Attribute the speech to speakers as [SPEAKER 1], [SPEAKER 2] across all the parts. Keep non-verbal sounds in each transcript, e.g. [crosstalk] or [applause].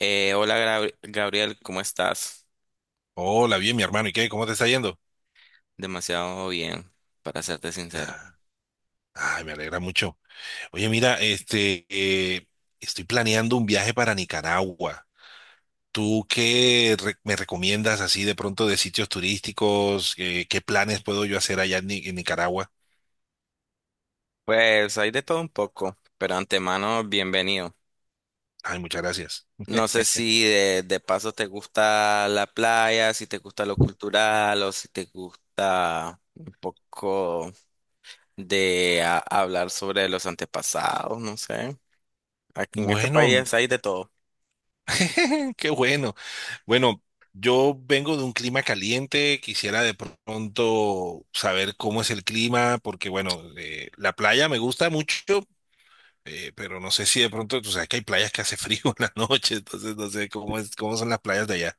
[SPEAKER 1] Hola Gabriel, ¿cómo estás?
[SPEAKER 2] Hola, bien, mi hermano. ¿Y qué? ¿Cómo te está yendo?
[SPEAKER 1] Demasiado bien, para serte sincero.
[SPEAKER 2] Ah, ay, me alegra mucho. Oye, mira, este, estoy planeando un viaje para Nicaragua. ¿Tú qué me recomiendas así de pronto de sitios turísticos? ¿qué planes puedo yo hacer allá en, en Nicaragua?
[SPEAKER 1] Pues hay de todo un poco, pero antemano, bienvenido.
[SPEAKER 2] Ay, muchas gracias.
[SPEAKER 1] No sé si de paso te gusta la playa, si te gusta lo cultural o si te gusta un poco hablar sobre los antepasados, no sé. Aquí en este
[SPEAKER 2] Bueno,
[SPEAKER 1] país hay de todo.
[SPEAKER 2] [laughs] qué bueno. Bueno, yo vengo de un clima caliente, quisiera de pronto saber cómo es el clima, porque bueno, la playa me gusta mucho. Pero no sé si de pronto, tú sabes que hay playas que hace [laughs] frío en la noche, entonces no sé cómo es, cómo son las playas de allá.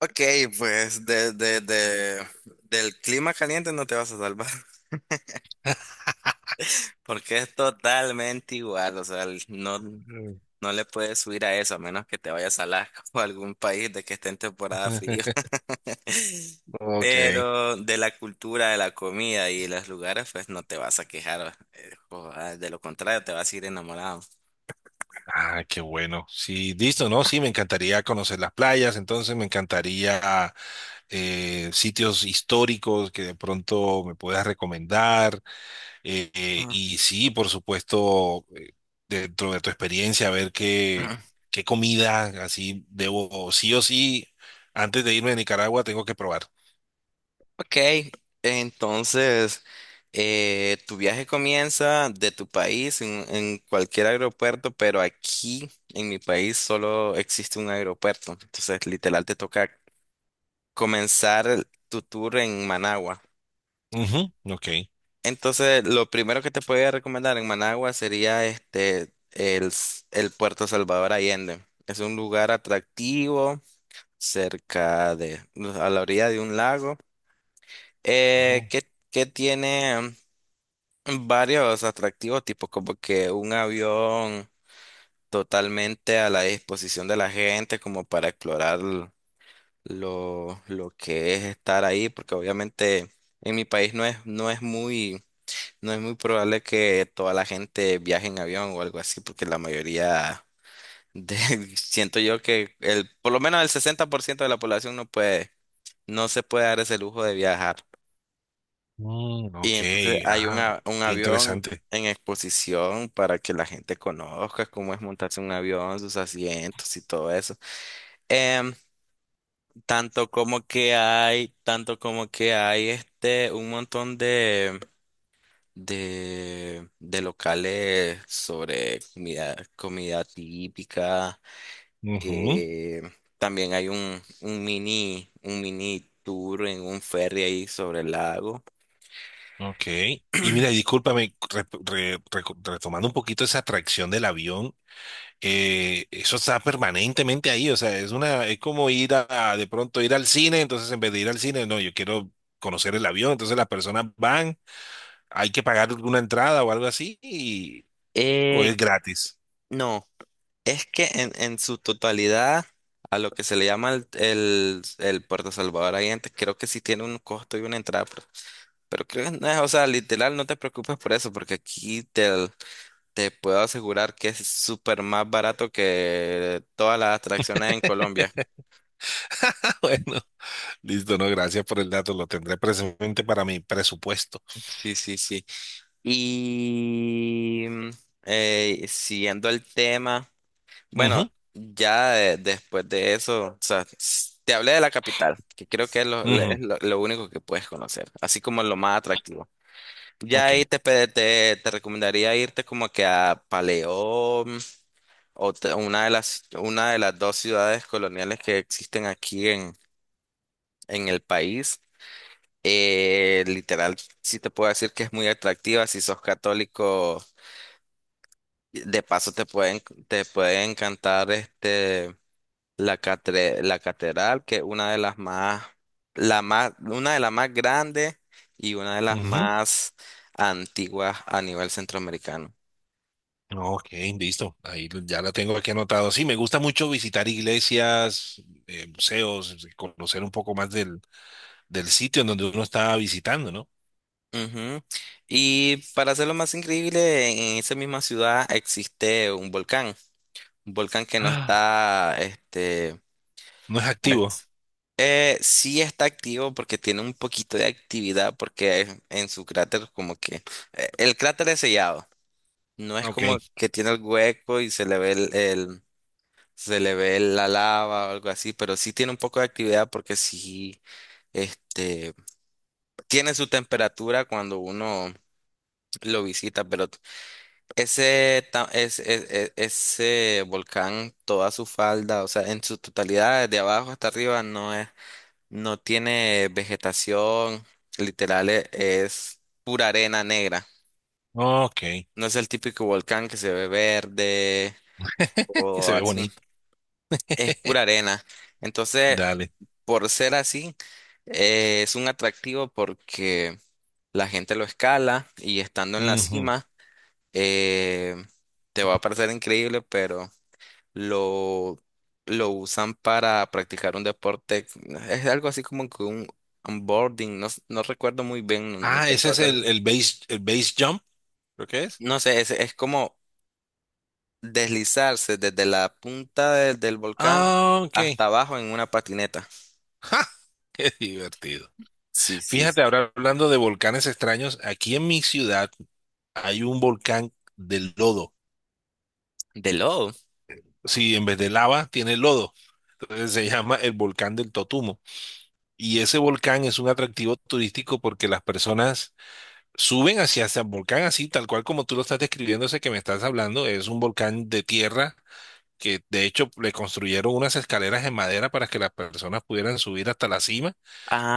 [SPEAKER 1] Ok, pues del clima caliente no te vas a salvar. Porque es totalmente igual, o sea, no,
[SPEAKER 2] Mm.
[SPEAKER 1] no le puedes subir a eso, a menos que te vayas a Alaska [laughs] o a algún país de que esté en temporada frío.
[SPEAKER 2] [laughs]
[SPEAKER 1] [laughs]
[SPEAKER 2] Ok.
[SPEAKER 1] Pero de la cultura, de la comida y los lugares, pues no te vas a quejar, de lo contrario, te vas a ir enamorado.
[SPEAKER 2] Ah, qué bueno. Sí, listo, ¿no? Sí, me encantaría conocer las playas, entonces me encantaría sitios históricos que de pronto me puedas recomendar. Y sí, por supuesto, dentro de tu experiencia, ver qué,
[SPEAKER 1] Ah.
[SPEAKER 2] qué comida así debo, sí o sí, antes de irme a Nicaragua, tengo que probar.
[SPEAKER 1] Ok, entonces tu viaje comienza de tu país en cualquier aeropuerto, pero aquí en mi país solo existe un aeropuerto. Entonces, literal, te toca comenzar tu tour en Managua.
[SPEAKER 2] Ujú, ok.
[SPEAKER 1] Entonces, lo primero que te podría recomendar en Managua sería el Puerto Salvador Allende. Es un lugar atractivo cerca de, a la orilla de un lago,
[SPEAKER 2] Oh,
[SPEAKER 1] que tiene varios atractivos, tipo como que un avión totalmente a la disposición de la gente, como para explorar lo que es estar ahí, porque obviamente en mi país no es muy probable que toda la gente viaje en avión o algo así, porque la mayoría de, [laughs] siento yo que por lo menos el 60% de la población no se puede dar ese lujo de viajar.
[SPEAKER 2] mm,
[SPEAKER 1] Y
[SPEAKER 2] ok,
[SPEAKER 1] entonces hay
[SPEAKER 2] ah,
[SPEAKER 1] un
[SPEAKER 2] qué
[SPEAKER 1] avión
[SPEAKER 2] interesante.
[SPEAKER 1] en exposición para que la gente conozca cómo es montarse un avión, sus asientos y todo eso. Em, tanto como que hay un montón de locales sobre comida típica.
[SPEAKER 2] Ujú,
[SPEAKER 1] Eh, también hay un mini tour en un ferry ahí sobre el lago.
[SPEAKER 2] ok. Y mira, y discúlpame, retomando un poquito esa atracción del avión, eso está permanentemente ahí, o sea, es una, es como ir a de pronto ir al cine, entonces en vez de ir al cine, no, yo quiero conocer el avión, entonces las personas van, hay que pagar alguna entrada o algo así, o
[SPEAKER 1] Eh,
[SPEAKER 2] es gratis.
[SPEAKER 1] no. Es que en su totalidad, a lo que se le llama el Puerto Salvador ahí antes, creo que sí tiene un costo y una entrada, pero creo que no es, o sea, literal, no te preocupes por eso, porque aquí te puedo asegurar que es súper más barato que todas las atracciones en
[SPEAKER 2] [laughs]
[SPEAKER 1] Colombia.
[SPEAKER 2] Bueno, listo, no, gracias por el dato, lo tendré presente para mi presupuesto.
[SPEAKER 1] Sí, sí, sí. Y siguiendo el tema. Bueno, ya después de eso, o sea, te hablé de la capital, que creo que es
[SPEAKER 2] Ujú,
[SPEAKER 1] es
[SPEAKER 2] ujú,
[SPEAKER 1] lo único que puedes conocer, así como lo más atractivo. Ya
[SPEAKER 2] ok.
[SPEAKER 1] ahí te recomendaría irte como que a Paleón una de las dos ciudades coloniales que existen aquí en el país. Literal, sí te puedo decir que es muy atractiva si sos católico. De paso te puede encantar. La catedral, que es una de las más grandes y una de las
[SPEAKER 2] Ujú.
[SPEAKER 1] más antiguas a nivel centroamericano.
[SPEAKER 2] Ok, listo. Ahí ya la tengo aquí anotado. Sí, me gusta mucho visitar iglesias, museos, conocer un poco más del, del sitio en donde uno está visitando, ¿no?
[SPEAKER 1] Ujú. Y para hacerlo más increíble, en esa misma ciudad existe un volcán, que no
[SPEAKER 2] Ah,
[SPEAKER 1] está,
[SPEAKER 2] no es activo.
[SPEAKER 1] es- sí está activo porque tiene un poquito de actividad porque en su cráter como que el cráter es sellado, no es
[SPEAKER 2] Ok,
[SPEAKER 1] como que tiene el hueco y se le ve el, se le ve la lava o algo así, pero sí tiene un poco de actividad porque sí, este, tiene su temperatura cuando uno lo visita, pero ese, ta- es- ese volcán, toda su falda, o sea, en su totalidad, de abajo hasta arriba, no tiene vegetación, literal es pura arena negra.
[SPEAKER 2] ok.
[SPEAKER 1] No es el típico volcán que se ve verde
[SPEAKER 2] [laughs] Que
[SPEAKER 1] o
[SPEAKER 2] se ve
[SPEAKER 1] así.
[SPEAKER 2] bonito.
[SPEAKER 1] Es pura
[SPEAKER 2] [laughs]
[SPEAKER 1] arena. Entonces,
[SPEAKER 2] Dale.
[SPEAKER 1] por ser así, es un atractivo porque la gente lo escala y estando en la
[SPEAKER 2] Ujú.
[SPEAKER 1] cima, eh, te va a parecer increíble, pero lo, lo usan para practicar un deporte. Es algo así como que un onboarding, no recuerdo muy bien, no, no
[SPEAKER 2] Ah,
[SPEAKER 1] te
[SPEAKER 2] ese
[SPEAKER 1] puedo
[SPEAKER 2] es
[SPEAKER 1] hacer.
[SPEAKER 2] el base jump, ¿lo que es?
[SPEAKER 1] No sé, es como deslizarse desde la punta del volcán
[SPEAKER 2] Ah, ok.
[SPEAKER 1] hasta
[SPEAKER 2] [laughs]
[SPEAKER 1] abajo en una patineta.
[SPEAKER 2] ¡Ja! Qué divertido.
[SPEAKER 1] Sí, sí.
[SPEAKER 2] Fíjate, ahora hablando de volcanes extraños, aquí en mi ciudad hay un volcán de lodo.
[SPEAKER 1] De lodo.
[SPEAKER 2] Sí, en vez de lava tiene lodo. Entonces se llama el volcán del Totumo. Y ese volcán es un atractivo turístico porque las personas suben hacia ese volcán así, tal cual como tú lo estás describiendo, ese que me estás hablando. Es un volcán de tierra que de hecho le construyeron unas escaleras en madera para que las personas pudieran subir hasta la cima.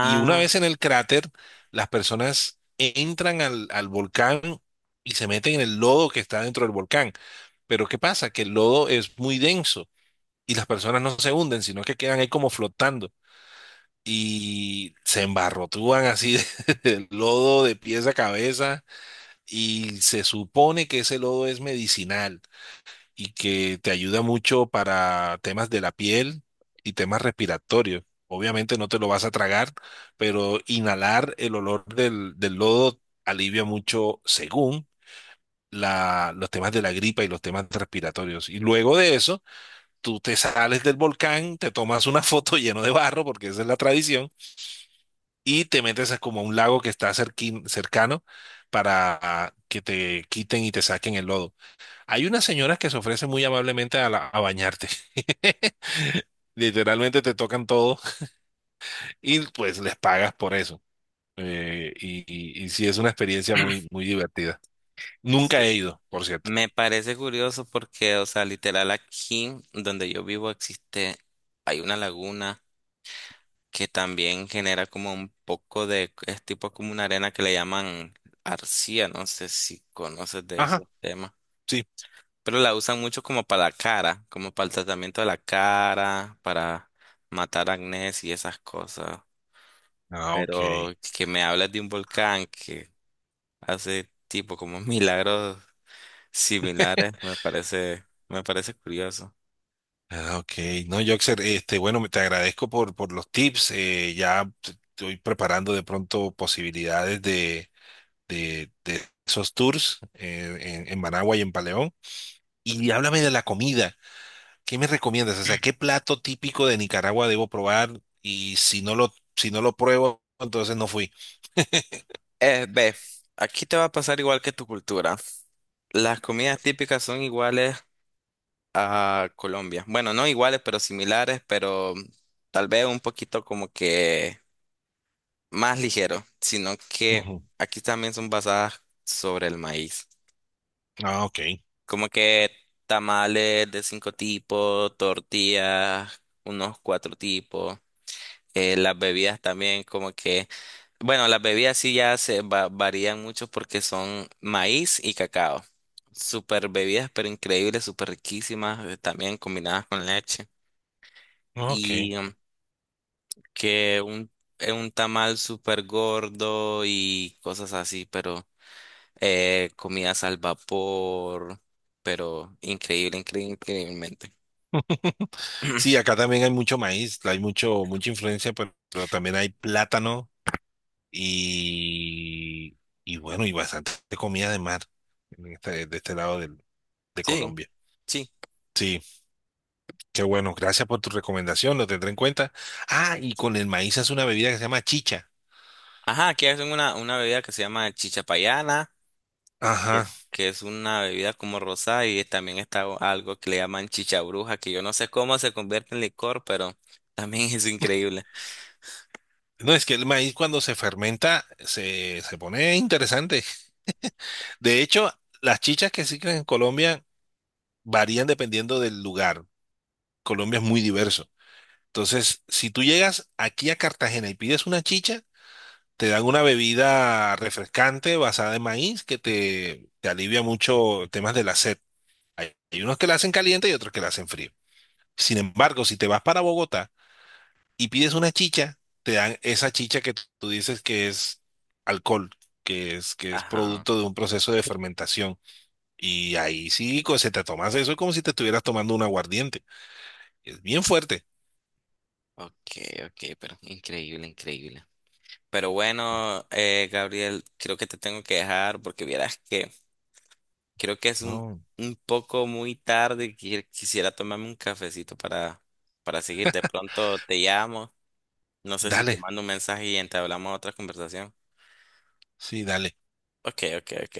[SPEAKER 2] Y una vez en el cráter, las personas entran al, al volcán y se meten en el lodo que está dentro del volcán. Pero ¿qué pasa? Que el lodo es muy denso y las personas no se hunden, sino que quedan ahí como flotando. Y se embarrotúan así [laughs] del lodo de pies a cabeza y se supone que ese lodo es medicinal y que te ayuda mucho para temas de la piel y temas respiratorios. Obviamente no te lo vas a tragar, pero inhalar el olor del, del lodo alivia mucho según la, los temas de la gripa y los temas respiratorios. Y luego de eso tú te sales del volcán, te tomas una [laughs] foto lleno de barro, porque esa es la tradición, y te metes a como a un lago que está cercano para que te quiten y te saquen el lodo. Hay unas señoras que se ofrecen muy amablemente a, a bañarte. [laughs] Literalmente te tocan todo y pues les pagas por eso. Y sí, es una experiencia muy, muy divertida. Nunca
[SPEAKER 1] sí,
[SPEAKER 2] he ido, por cierto.
[SPEAKER 1] me parece curioso porque, o sea, literal aquí donde yo vivo hay una laguna que también genera como un poco es tipo como una arena que le llaman arcilla, no sé si conoces de
[SPEAKER 2] Ajá,
[SPEAKER 1] esos temas,
[SPEAKER 2] sí.
[SPEAKER 1] pero la usan mucho como para la cara, como para el tratamiento de la cara, para matar acné y esas cosas,
[SPEAKER 2] Ah, ok.
[SPEAKER 1] pero que me hables de un volcán que hace tipo como milagros similares, me parece curioso.
[SPEAKER 2] Ah, ok. No, Joxer, este, bueno, te agradezco por los tips. Ya estoy preparando de pronto posibilidades de esos tours en Managua y en Paleón. Y háblame de la comida. ¿Qué me recomiendas? O sea, ¿qué plato típico de Nicaragua debo probar? Y si no lo, si no lo pruebo, entonces no fui.
[SPEAKER 1] Ve, aquí te va a pasar igual que tu cultura. Las comidas típicas son iguales a Colombia. Bueno, no iguales, pero similares, pero tal vez un poquito como que más ligero, sino que
[SPEAKER 2] Ujú.
[SPEAKER 1] aquí también son basadas sobre el maíz.
[SPEAKER 2] Ah, ok.
[SPEAKER 1] Como que tamales de 5 tipos, tortillas, unos 4 tipos. Las bebidas también como que Bueno, las bebidas sí ya varían mucho porque son maíz y cacao. Super bebidas, pero increíbles, súper riquísimas, también combinadas con leche.
[SPEAKER 2] Ah, ok.
[SPEAKER 1] Y que un, un tamal súper gordo y cosas así, pero comidas al vapor, pero increíble, increíble, increíblemente.
[SPEAKER 2] Sí,
[SPEAKER 1] [clears throat]
[SPEAKER 2] acá también hay mucho maíz, hay mucho, mucha influencia, pero también hay plátano. Y, y bueno, y bastante comida de mar en de este lado de
[SPEAKER 1] Sí,
[SPEAKER 2] Colombia.
[SPEAKER 1] sí.
[SPEAKER 2] Sí, qué bueno. Gracias por tu recomendación, lo tendré en cuenta. Ah, y con el maíz hace una bebida que se llama chicha.
[SPEAKER 1] Ajá, aquí hacen una bebida que se llama chichapayana que
[SPEAKER 2] Ajá.
[SPEAKER 1] que es una bebida como rosada y también está algo que le llaman chicha bruja, que yo no sé cómo se convierte en licor, pero también [laughs] es increíble.
[SPEAKER 2] No, es que el maíz cuando se fermenta se, se pone interesante. De hecho, las chichas que existen en Colombia varían dependiendo del lugar. Colombia es muy diverso. Entonces, si tú llegas aquí a Cartagena y pides una chicha, te dan una bebida refrescante basada en maíz que te alivia mucho temas de la sed. Hay unos que la hacen caliente y otros que la hacen frío. Sin embargo, si te vas para Bogotá y pides una chicha, te dan esa chicha que tú dices que es alcohol, que es
[SPEAKER 1] Ajá,
[SPEAKER 2] producto de un proceso de fermentación. Y ahí sí, se te tomas eso como si te estuvieras tomando un aguardiente. Es bien fuerte.
[SPEAKER 1] ok, ok, pero increíble, increíble. Pero bueno, Gabriel, creo que te tengo que dejar porque vieras que creo que es
[SPEAKER 2] No.
[SPEAKER 1] un poco muy tarde y quisiera tomarme un cafecito para seguir. De pronto te llamo, no sé si te
[SPEAKER 2] Dale,
[SPEAKER 1] mando un mensaje y entablamos otra conversación.
[SPEAKER 2] sí, dale.
[SPEAKER 1] Ok, ok, ok.